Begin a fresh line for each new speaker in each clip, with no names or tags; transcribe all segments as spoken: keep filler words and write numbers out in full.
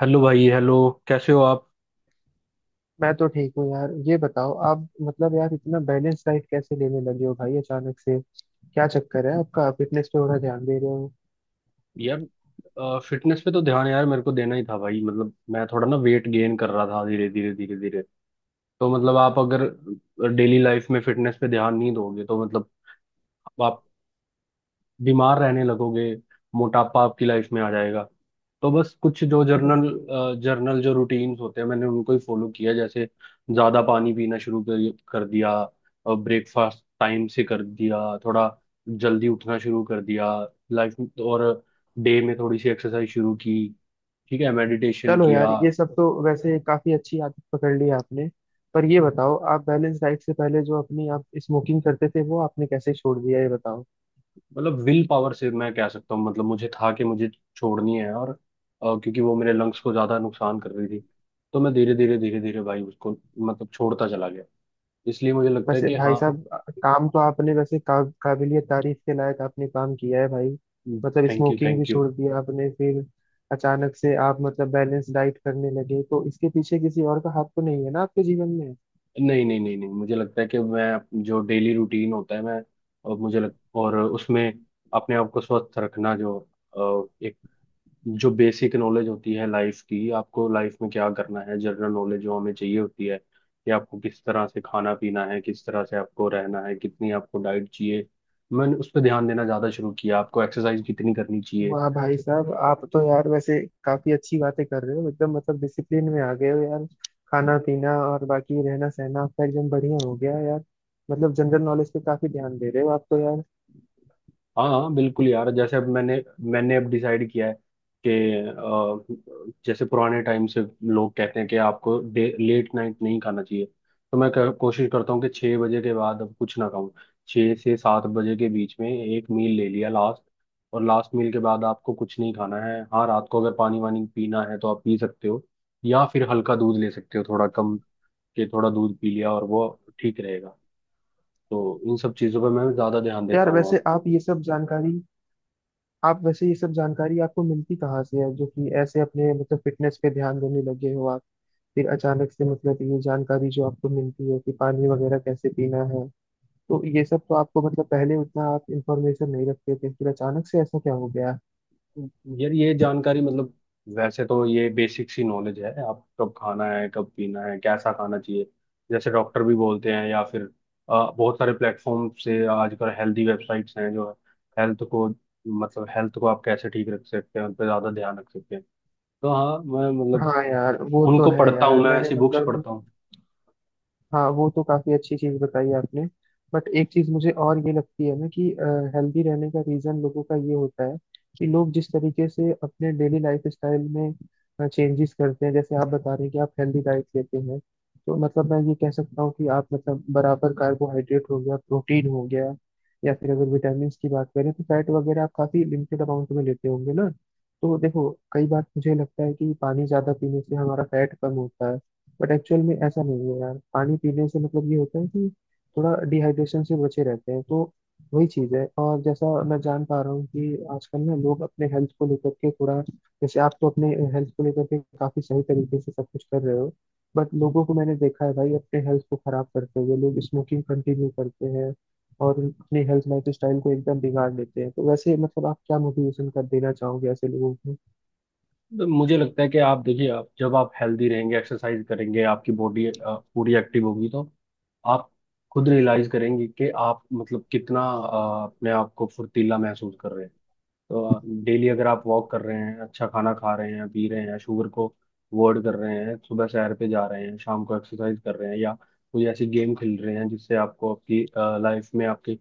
Hello भाई hello. कैसे हो आप?
मैं तो ठीक हूँ यार। ये बताओ आप मतलब यार इतना बैलेंस डाइट कैसे लेने लगे हो भाई, अचानक से क्या चक्कर है? आपका फिटनेस पे थोड़ा ध्यान दे रहे हो।
यार, फिटनेस पे तो ध्यान यार मेरे को देना ही था भाई। मतलब मैं थोड़ा ना वेट गेन कर रहा था धीरे धीरे धीरे धीरे। तो मतलब आप अगर डेली लाइफ में फिटनेस पे ध्यान नहीं दोगे तो मतलब आप बीमार रहने लगोगे। मोटापा आपकी लाइफ में आ जाएगा। तो बस कुछ जो जर्नल जर्नल जो रूटीन्स होते हैं मैंने उनको ही फॉलो किया। जैसे ज्यादा पानी पीना शुरू कर, कर दिया। ब्रेकफास्ट टाइम से कर दिया। थोड़ा जल्दी उठना शुरू कर दिया। लाइफ और डे में थोड़ी सी एक्सरसाइज शुरू की। ठीक है, मेडिटेशन
चलो
किया।
यार ये सब तो वैसे काफी अच्छी आदत पकड़ ली आपने। पर ये बताओ, आप बैलेंस डाइट से पहले जो अपनी आप स्मोकिंग करते थे वो आपने कैसे छोड़ दिया, ये बताओ।
मतलब विल पावर से मैं कह सकता हूँ। मतलब मुझे था कि मुझे छोड़नी है। और अ, क्योंकि वो मेरे लंग्स को ज्यादा नुकसान कर रही थी। तो मैं धीरे धीरे धीरे धीरे भाई उसको मतलब छोड़ता चला गया। इसलिए मुझे लगता है
वैसे
कि
भाई
हाँ।
साहब काम तो आपने वैसे का, काबिलियत तारीफ के लायक आपने काम किया है भाई। मतलब
थैंक यू,
स्मोकिंग भी
थैंक यू।
छोड़ दिया आपने फिर। अचानक से आप मतलब बैलेंस डाइट करने लगे तो इसके पीछे किसी और का हाथ तो नहीं है ना आपके जीवन में?
नहीं नहीं नहीं नहीं, मुझे लगता है कि मैं जो डेली रूटीन होता है मैं, और मुझे लग, और उसमें अपने आप को स्वस्थ रखना। जो जो बेसिक नॉलेज होती है लाइफ की, आपको लाइफ में क्या करना है, जनरल नॉलेज जो हमें चाहिए होती है कि आपको किस तरह से खाना पीना है, किस तरह से आपको रहना है, कितनी आपको डाइट चाहिए। मैंने उस पर ध्यान देना ज़्यादा शुरू किया, आपको एक्सरसाइज कितनी करनी चाहिए।
वाह भाई साहब, आप तो यार वैसे काफी अच्छी बातें कर रहे हो। एकदम मतलब डिसिप्लिन में आ गए हो यार। खाना पीना और बाकी रहना सहना आपका एकदम बढ़िया हो गया है यार। मतलब जनरल नॉलेज पे काफी ध्यान दे रहे हो आप तो यार।
हाँ हाँ बिल्कुल यार। जैसे अब मैंने मैंने अब डिसाइड किया है कि अ, जैसे पुराने टाइम से लोग कहते हैं कि आपको लेट नाइट नहीं खाना चाहिए। तो मैं क- कोशिश करता हूँ कि छः बजे के बाद अब कुछ ना खाऊं। छः से सात बजे के बीच में एक मील ले लिया लास्ट। और लास्ट मील के बाद आपको कुछ नहीं खाना है। हाँ रात को अगर पानी वानी पीना है तो आप पी सकते हो। या फिर हल्का दूध ले सकते हो, थोड़ा कम के थोड़ा दूध पी लिया और वो ठीक रहेगा। तो इन सब चीज़ों पर मैं ज़्यादा ध्यान
तो
देता
यार
हूँ।
वैसे आप ये सब जानकारी, आप वैसे ये सब जानकारी आपको मिलती कहाँ से है, जो कि ऐसे अपने मतलब फिटनेस पे ध्यान देने लगे हो आप? फिर अचानक से मतलब ये जानकारी जो आपको मिलती है कि पानी वगैरह कैसे पीना है, तो ये सब तो आपको मतलब पहले उतना आप इंफॉर्मेशन नहीं रखते थे, फिर अचानक से ऐसा क्या हो गया?
यार ये जानकारी मतलब, वैसे तो ये बेसिक सी नॉलेज है। आप कब खाना है कब पीना है कैसा खाना चाहिए, जैसे डॉक्टर भी बोलते हैं या फिर अ, बहुत सारे प्लेटफॉर्म से आजकल हेल्दी वेबसाइट्स हैं जो हेल्थ को मतलब हेल्थ को आप कैसे ठीक रख सकते हैं उन पर ज़्यादा ध्यान रख सकते हैं। तो हाँ मैं मतलब
हाँ यार वो तो
उनको
है
पढ़ता
यार,
हूँ, मैं
मैंने
ऐसी बुक्स
मतलब।
पढ़ता हूँ।
हाँ वो तो काफी अच्छी चीज बताई आपने। बट एक चीज मुझे और ये लगती है ना कि हेल्दी रहने का रीजन लोगों का ये होता है कि लोग जिस तरीके से अपने डेली लाइफ स्टाइल में चेंजेस करते हैं, जैसे आप बता रहे हैं कि आप हेल्दी डाइट लेते हैं। तो मतलब मैं ये कह सकता हूँ कि आप मतलब बराबर कार्बोहाइड्रेट हो गया, प्रोटीन हो गया, या फिर अगर विटामिन की बात करें तो फैट वगैरह आप काफी लिमिटेड अमाउंट में लेते होंगे ना। तो देखो कई बार मुझे लगता है कि पानी ज्यादा पीने से हमारा फैट कम होता है, बट एक्चुअल में ऐसा नहीं है यार। पानी पीने से मतलब ये होता है कि थोड़ा डिहाइड्रेशन से बचे रहते हैं, तो वही चीज़ है। और जैसा मैं जान पा रहा हूँ कि आजकल ना लोग अपने हेल्थ को लेकर के थोड़ा, जैसे आप तो अपने हेल्थ को लेकर के काफ़ी सही तरीके से सब कुछ कर रहे हो, बट लोगों को मैंने देखा है भाई अपने हेल्थ को खराब करते हुए। लोग स्मोकिंग कंटिन्यू करते हैं और अपनी हेल्थ लाइफ स्टाइल को एकदम बिगाड़ लेते हैं, तो वैसे मतलब आप क्या मोटिवेशन कर देना चाहोगे ऐसे लोगों को?
मुझे लगता है कि आप देखिए, आप जब आप हेल्दी रहेंगे एक्सरसाइज करेंगे आपकी बॉडी पूरी एक्टिव होगी तो आप खुद रियलाइज करेंगे कि आप मतलब कितना अ, अपने आप को फुर्तीला महसूस कर रहे हैं। तो डेली अगर आप वॉक कर रहे हैं अच्छा खाना खा रहे हैं पी रहे हैं, शुगर को अवॉइड कर रहे हैं, सुबह सैर पे जा रहे हैं, शाम को एक्सरसाइज कर रहे हैं या कोई ऐसी गेम खेल रहे हैं जिससे आपको आपकी लाइफ में आपकी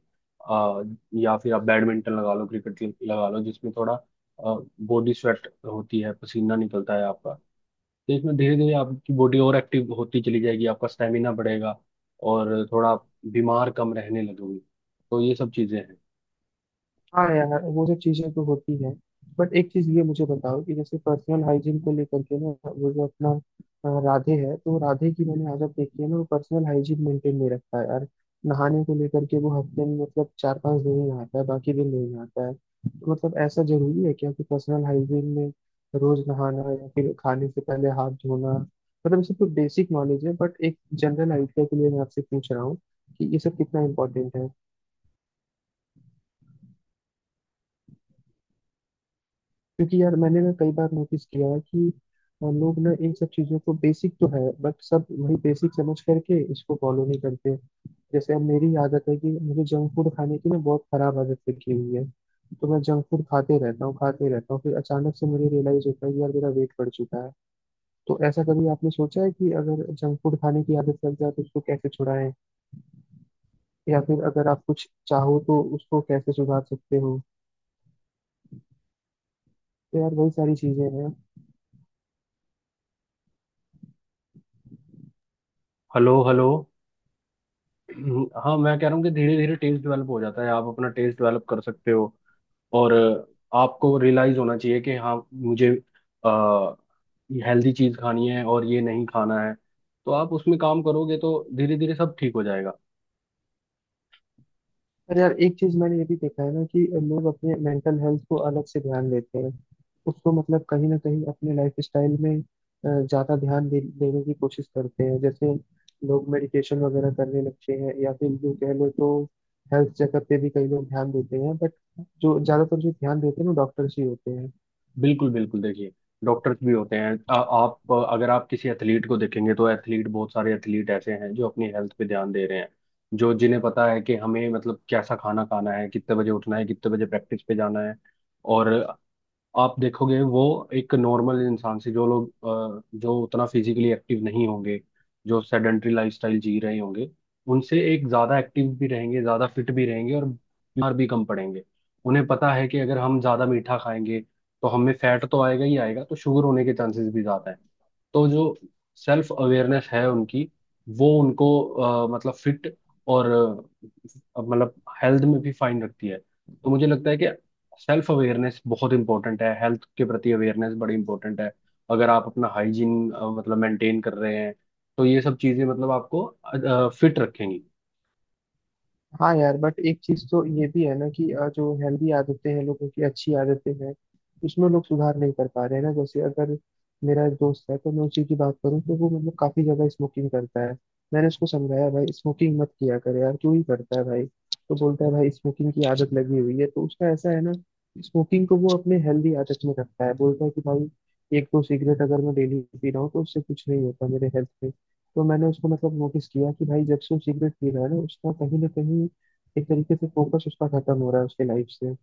अ, या फिर आप बैडमिंटन लगा लो क्रिकेट लगा लो जिसमें थोड़ा बॉडी स्वेट होती है पसीना निकलता है आपका। तो इसमें धीरे धीरे आपकी बॉडी और एक्टिव होती चली जाएगी, आपका स्टेमिना बढ़ेगा, और थोड़ा आप बीमार कम रहने लगोगे। तो ये सब चीज़ें हैं।
हाँ यार वो सब चीजें तो होती हैं। बट एक चीज ये मुझे बताओ, कि जैसे पर्सनल हाइजीन को लेकर के ना, वो जो अपना अ, राधे है, तो राधे की मैंने आदत देखी है ना, वो पर्सनल हाइजीन मेंटेन नहीं रखता है यार। नहाने को लेकर के वो हफ्ते में मतलब चार पांच दिन ही नहाता है, बाकी दिन नहीं नहाता है। तो मतलब ऐसा जरूरी है क्या कि पर्सनल हाइजीन में रोज नहाना या फिर खाने से पहले हाथ धोना, मतलब ये सब तो बेसिक नॉलेज है। बट एक जनरल आइडिया के लिए मैं आपसे पूछ रहा हूँ कि ये सब कितना इम्पोर्टेंट, क्योंकि यार मैंने ना कई बार नोटिस किया है कि अ, लोग ना इन सब चीजों को बेसिक तो है बट सब वही बेसिक समझ करके इसको फॉलो नहीं करते। जैसे अब मेरी आदत है कि मुझे जंक फूड खाने की ना बहुत खराब आदत लगी हुई है। तो मैं जंक फूड खाते रहता हूँ खाते रहता हूँ फिर अचानक से मुझे रियलाइज होता है कि यार मेरा वेट बढ़ चुका है। तो ऐसा कभी आपने सोचा है कि अगर जंक फूड खाने की आदत लग जाए तो उसको कैसे छुड़ाएं, या फिर अगर आप कुछ चाहो तो उसको कैसे सुधार सकते हो? तो यार वही सारी चीजें हैं।
Hello hello. हम्म, हाँ, मैं कह रहा हूँ कि धीरे धीरे टेस्ट डेवलप हो जाता है, आप अपना टेस्ट डेवलप कर सकते हो। और अ, आपको रियलाइज होना चाहिए कि हाँ मुझे आ, हेल्दी चीज खानी है और ये नहीं खाना है। तो आप उसमें काम करोगे तो धीरे धीरे सब ठीक हो जाएगा।
पर यार एक चीज मैंने ये भी देखा है ना कि लोग अपने मेंटल हेल्थ को अलग से ध्यान देते हैं, उसको मतलब कहीं ना कहीं अपने लाइफ स्टाइल में अ, ज्यादा ध्यान दे, देने की कोशिश करते हैं। जैसे लोग मेडिटेशन वगैरह करने लगते हैं, या फिर जो कह लो तो हेल्थ चेकअप पे भी कई लोग ध्यान देते हैं, बट जो ज्यादातर जो ध्यान देते हैं वो डॉक्टर्स ही होते हैं।
बिल्कुल बिल्कुल देखिए। डॉक्टर्स भी होते हैं। आ, आप अगर आप किसी एथलीट को देखेंगे तो एथलीट, बहुत सारे एथलीट ऐसे हैं जो अपनी हेल्थ पे ध्यान दे रहे हैं। जो जिन्हें पता है कि हमें मतलब कैसा खाना खाना है, कितने बजे उठना है, कितने बजे प्रैक्टिस पे जाना है। और आप देखोगे वो एक नॉर्मल इंसान से, जो लोग अ, जो उतना फिजिकली एक्टिव नहीं होंगे, जो सेडेंट्री लाइफस्टाइल जी रहे होंगे, उनसे एक ज्यादा एक्टिव भी रहेंगे, ज्यादा फिट भी रहेंगे और बीमार भी कम पड़ेंगे। उन्हें पता है कि अगर हम ज्यादा मीठा खाएंगे तो हमें फैट तो आएगा ही आएगा, तो शुगर होने के चांसेस भी ज्यादा है। तो जो सेल्फ अवेयरनेस है उनकी, वो उनको अ, मतलब फिट और अ, मतलब हेल्थ में भी फाइन रखती है। तो मुझे लगता है कि सेल्फ अवेयरनेस बहुत इंपॉर्टेंट है, हेल्थ के प्रति अवेयरनेस बड़ी इंपॉर्टेंट है। अगर आप अपना हाइजीन मतलब मेंटेन कर रहे हैं तो ये सब चीजें मतलब आपको फिट रखेंगी।
हाँ यार बट एक चीज तो ये भी है ना कि अ, जो हेल्दी आदतें हैं, लोगों की अच्छी आदतें हैं, उसमें लोग सुधार नहीं कर पा रहे हैं ना। जैसे अगर मेरा एक दोस्त है, तो मैं उसी की बात करूँ, तो वो मतलब काफी ज्यादा स्मोकिंग करता है। मैंने उसको समझाया भाई स्मोकिंग मत किया कर यार, क्यों ही करता है भाई। तो बोलता है भाई स्मोकिंग की आदत लगी हुई है। तो उसका ऐसा है ना, स्मोकिंग को वो अपने हेल्दी आदत में रखता है। बोलता है कि भाई एक दो सिगरेट अगर मैं डेली पी रहा हूँ तो उससे कुछ नहीं होता मेरे हेल्थ पे। तो मैंने उसको मतलब नोटिस किया कि भाई जब से वो सिगरेट पी रहा है ना, उसका कहीं ना कहीं एक तरीके से फोकस उसका खत्म हो रहा है उसके लाइफ से।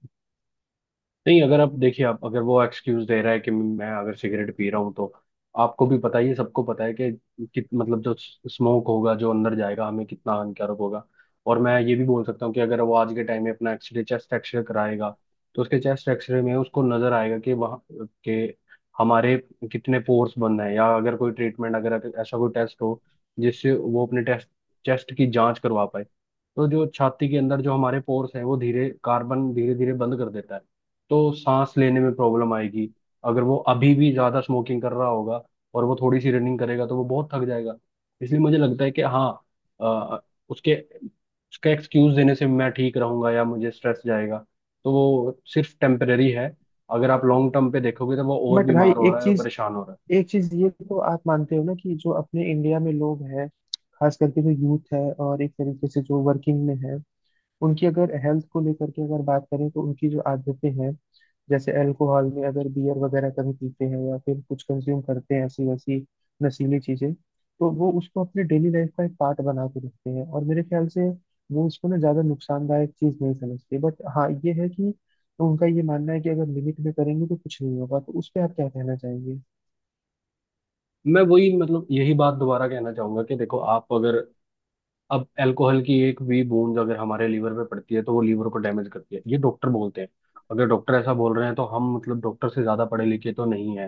नहीं अगर आप देखिए, आप अगर वो एक्सक्यूज दे रहा है कि मैं अगर सिगरेट पी रहा हूँ तो आपको भी पता ही है, सबको पता है कि कित मतलब जो स्मोक होगा जो अंदर जाएगा हमें कितना हानिकारक होगा। और मैं ये भी बोल सकता हूँ कि अगर वो आज के टाइम में अपना एक्सरे, चेस्ट एक्सरे कराएगा तो उसके चेस्ट एक्सरे में उसको नजर आएगा कि वहाँ के हमारे कितने पोर्स बंद हैं, या अगर कोई ट्रीटमेंट, अगर ऐसा कोई टेस्ट हो जिससे वो अपने टेस्ट चेस्ट की जांच करवा पाए तो जो छाती के अंदर जो हमारे पोर्स हैं वो धीरे कार्बन धीरे धीरे बंद कर देता है। तो सांस लेने में प्रॉब्लम आएगी अगर वो अभी भी ज्यादा स्मोकिंग कर रहा होगा, और वो थोड़ी सी रनिंग करेगा तो वो बहुत थक जाएगा। इसलिए मुझे लगता है कि हाँ, अ, उसके उसका एक्सक्यूज देने से मैं ठीक रहूंगा या मुझे स्ट्रेस जाएगा तो वो सिर्फ टेम्परेरी है। अगर आप लॉन्ग टर्म पे देखोगे तो वो और
बट भाई
बीमार हो
एक
रहा है और
चीज,
परेशान हो रहा
एक चीज ये तो आप मानते हो ना, कि जो अपने इंडिया में लोग हैं, खास करके जो यूथ है और एक तरीके से जो वर्किंग में है, उनकी अगर हेल्थ को लेकर के अगर बात करें, तो उनकी जो आदतें हैं, जैसे अल्कोहल में अगर बियर वगैरह कभी पीते हैं या फिर कुछ कंज्यूम करते हैं ऐसी वैसी नशीली चीजें, तो वो उसको अपने डेली लाइफ का एक पार्ट बना के रखते हैं। और मेरे ख्याल से वो उसको ना ज्यादा नुकसानदायक चीज नहीं समझते, बट हाँ ये है कि उनका ये मानना है कि अगर लिमिट में करेंगे तो कुछ नहीं होगा, तो उस पर आप क्या कहना चाहेंगे?
है। मैं वही मतलब यही बात दोबारा कहना चाहूंगा कि देखो आप अगर अब अल्कोहल की एक भी बूंद अगर हमारे लीवर पे पड़ती है तो वो लीवर को डैमेज करती है, ये डॉक्टर बोलते हैं। अगर डॉक्टर ऐसा बोल रहे हैं तो हम मतलब डॉक्टर से ज्यादा पढ़े लिखे तो नहीं है।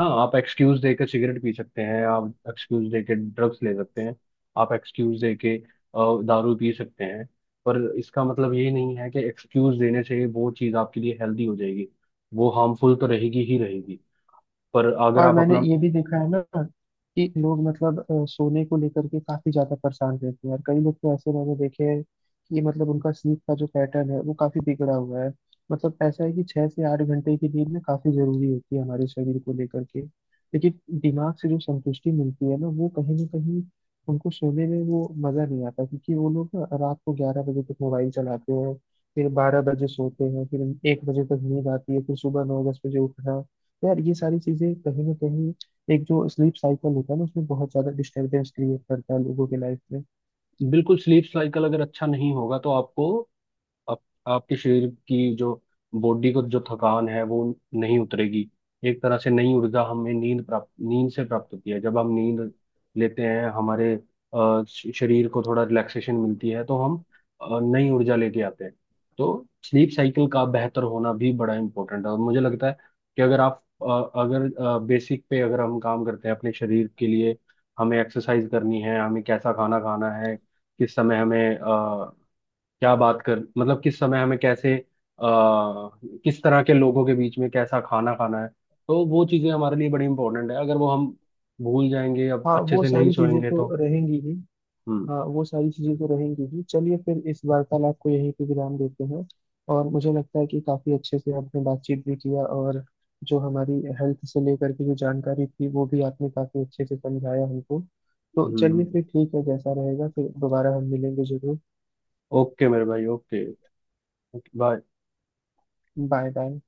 हाँ आप एक्सक्यूज देके सिगरेट पी सकते हैं, आप एक्सक्यूज देके ड्रग्स ले सकते हैं, आप एक्सक्यूज देके अ, दारू पी सकते हैं। पर इसका मतलब ये नहीं है कि एक्सक्यूज देने से वो चीज आपके लिए हेल्दी हो जाएगी। वो हार्मफुल तो रहेगी ही रहेगी। पर अगर
और
आप
मैंने
अपना
ये भी देखा है ना कि लोग मतलब अ, सोने को लेकर के काफी ज्यादा परेशान रहते हैं, और कई लोग तो ऐसे मैंने देखे हैं कि मतलब उनका स्लीप का जो पैटर्न है वो काफी बिगड़ा हुआ है। मतलब ऐसा है कि छह से आठ घंटे की नींद ना काफी जरूरी होती है हमारे शरीर को लेकर के। लेकिन दिमाग से जो संतुष्टि मिलती है ना, वो कहीं ना कहीं उनको सोने में वो मजा नहीं आता, क्योंकि वो लोग ना रात को ग्यारह बजे तक मोबाइल चलाते हैं, फिर बारह बजे सोते हैं, फिर एक बजे तक नींद आती है, फिर सुबह नौ दस बजे उठना। यार ये सारी चीजें कहीं ना कहीं एक जो स्लीप साइकिल होता है ना, उसमें बहुत ज्यादा डिस्टरबेंस क्रिएट करता है लोगों के लाइफ में।
बिल्कुल स्लीप साइकिल अगर अच्छा नहीं होगा तो आपको आप, आपके शरीर की जो बॉडी को जो थकान है वो नहीं उतरेगी। एक तरह से नई ऊर्जा हमें नींद प्राप्त, नींद से प्राप्त होती है जब हम नींद लेते हैं। हमारे अ, श- शरीर को थोड़ा रिलैक्सेशन मिलती है तो हम अ, नई ऊर्जा लेके आते हैं। तो स्लीप साइकिल का बेहतर होना भी बड़ा इम्पोर्टेंट है, और मुझे लगता है कि अगर आप अ, अगर बेसिक पे अगर हम काम करते हैं अपने शरीर के लिए। हमें एक्सरसाइज करनी है, हमें कैसा खाना खाना है, किस समय हमें क्या बात कर मतलब किस समय हमें कैसे आ, किस तरह के लोगों के बीच में कैसा खाना खाना है। तो वो चीजें हमारे लिए बड़ी इंपॉर्टेंट है। अगर वो हम भूल जाएंगे या
हाँ
अच्छे
वो
से नहीं
सारी चीजें
सोएंगे तो।
तो रहेंगी ही।
हम्म
हाँ वो सारी चीजें तो रहेंगी ही। चलिए फिर इस वार्तालाप को यहीं पे विराम देते हैं। और मुझे लगता है कि काफी अच्छे से आपने बातचीत भी किया, और जो हमारी हेल्थ से लेकर के जो जानकारी थी वो भी आपने काफी अच्छे से समझाया हमको। तो
हम्म
चलिए
हम्म।
फिर ठीक है, जैसा रहेगा फिर दोबारा हम मिलेंगे जरूर।
ओके मेरे भाई, ओके। बाय।
Bye bye.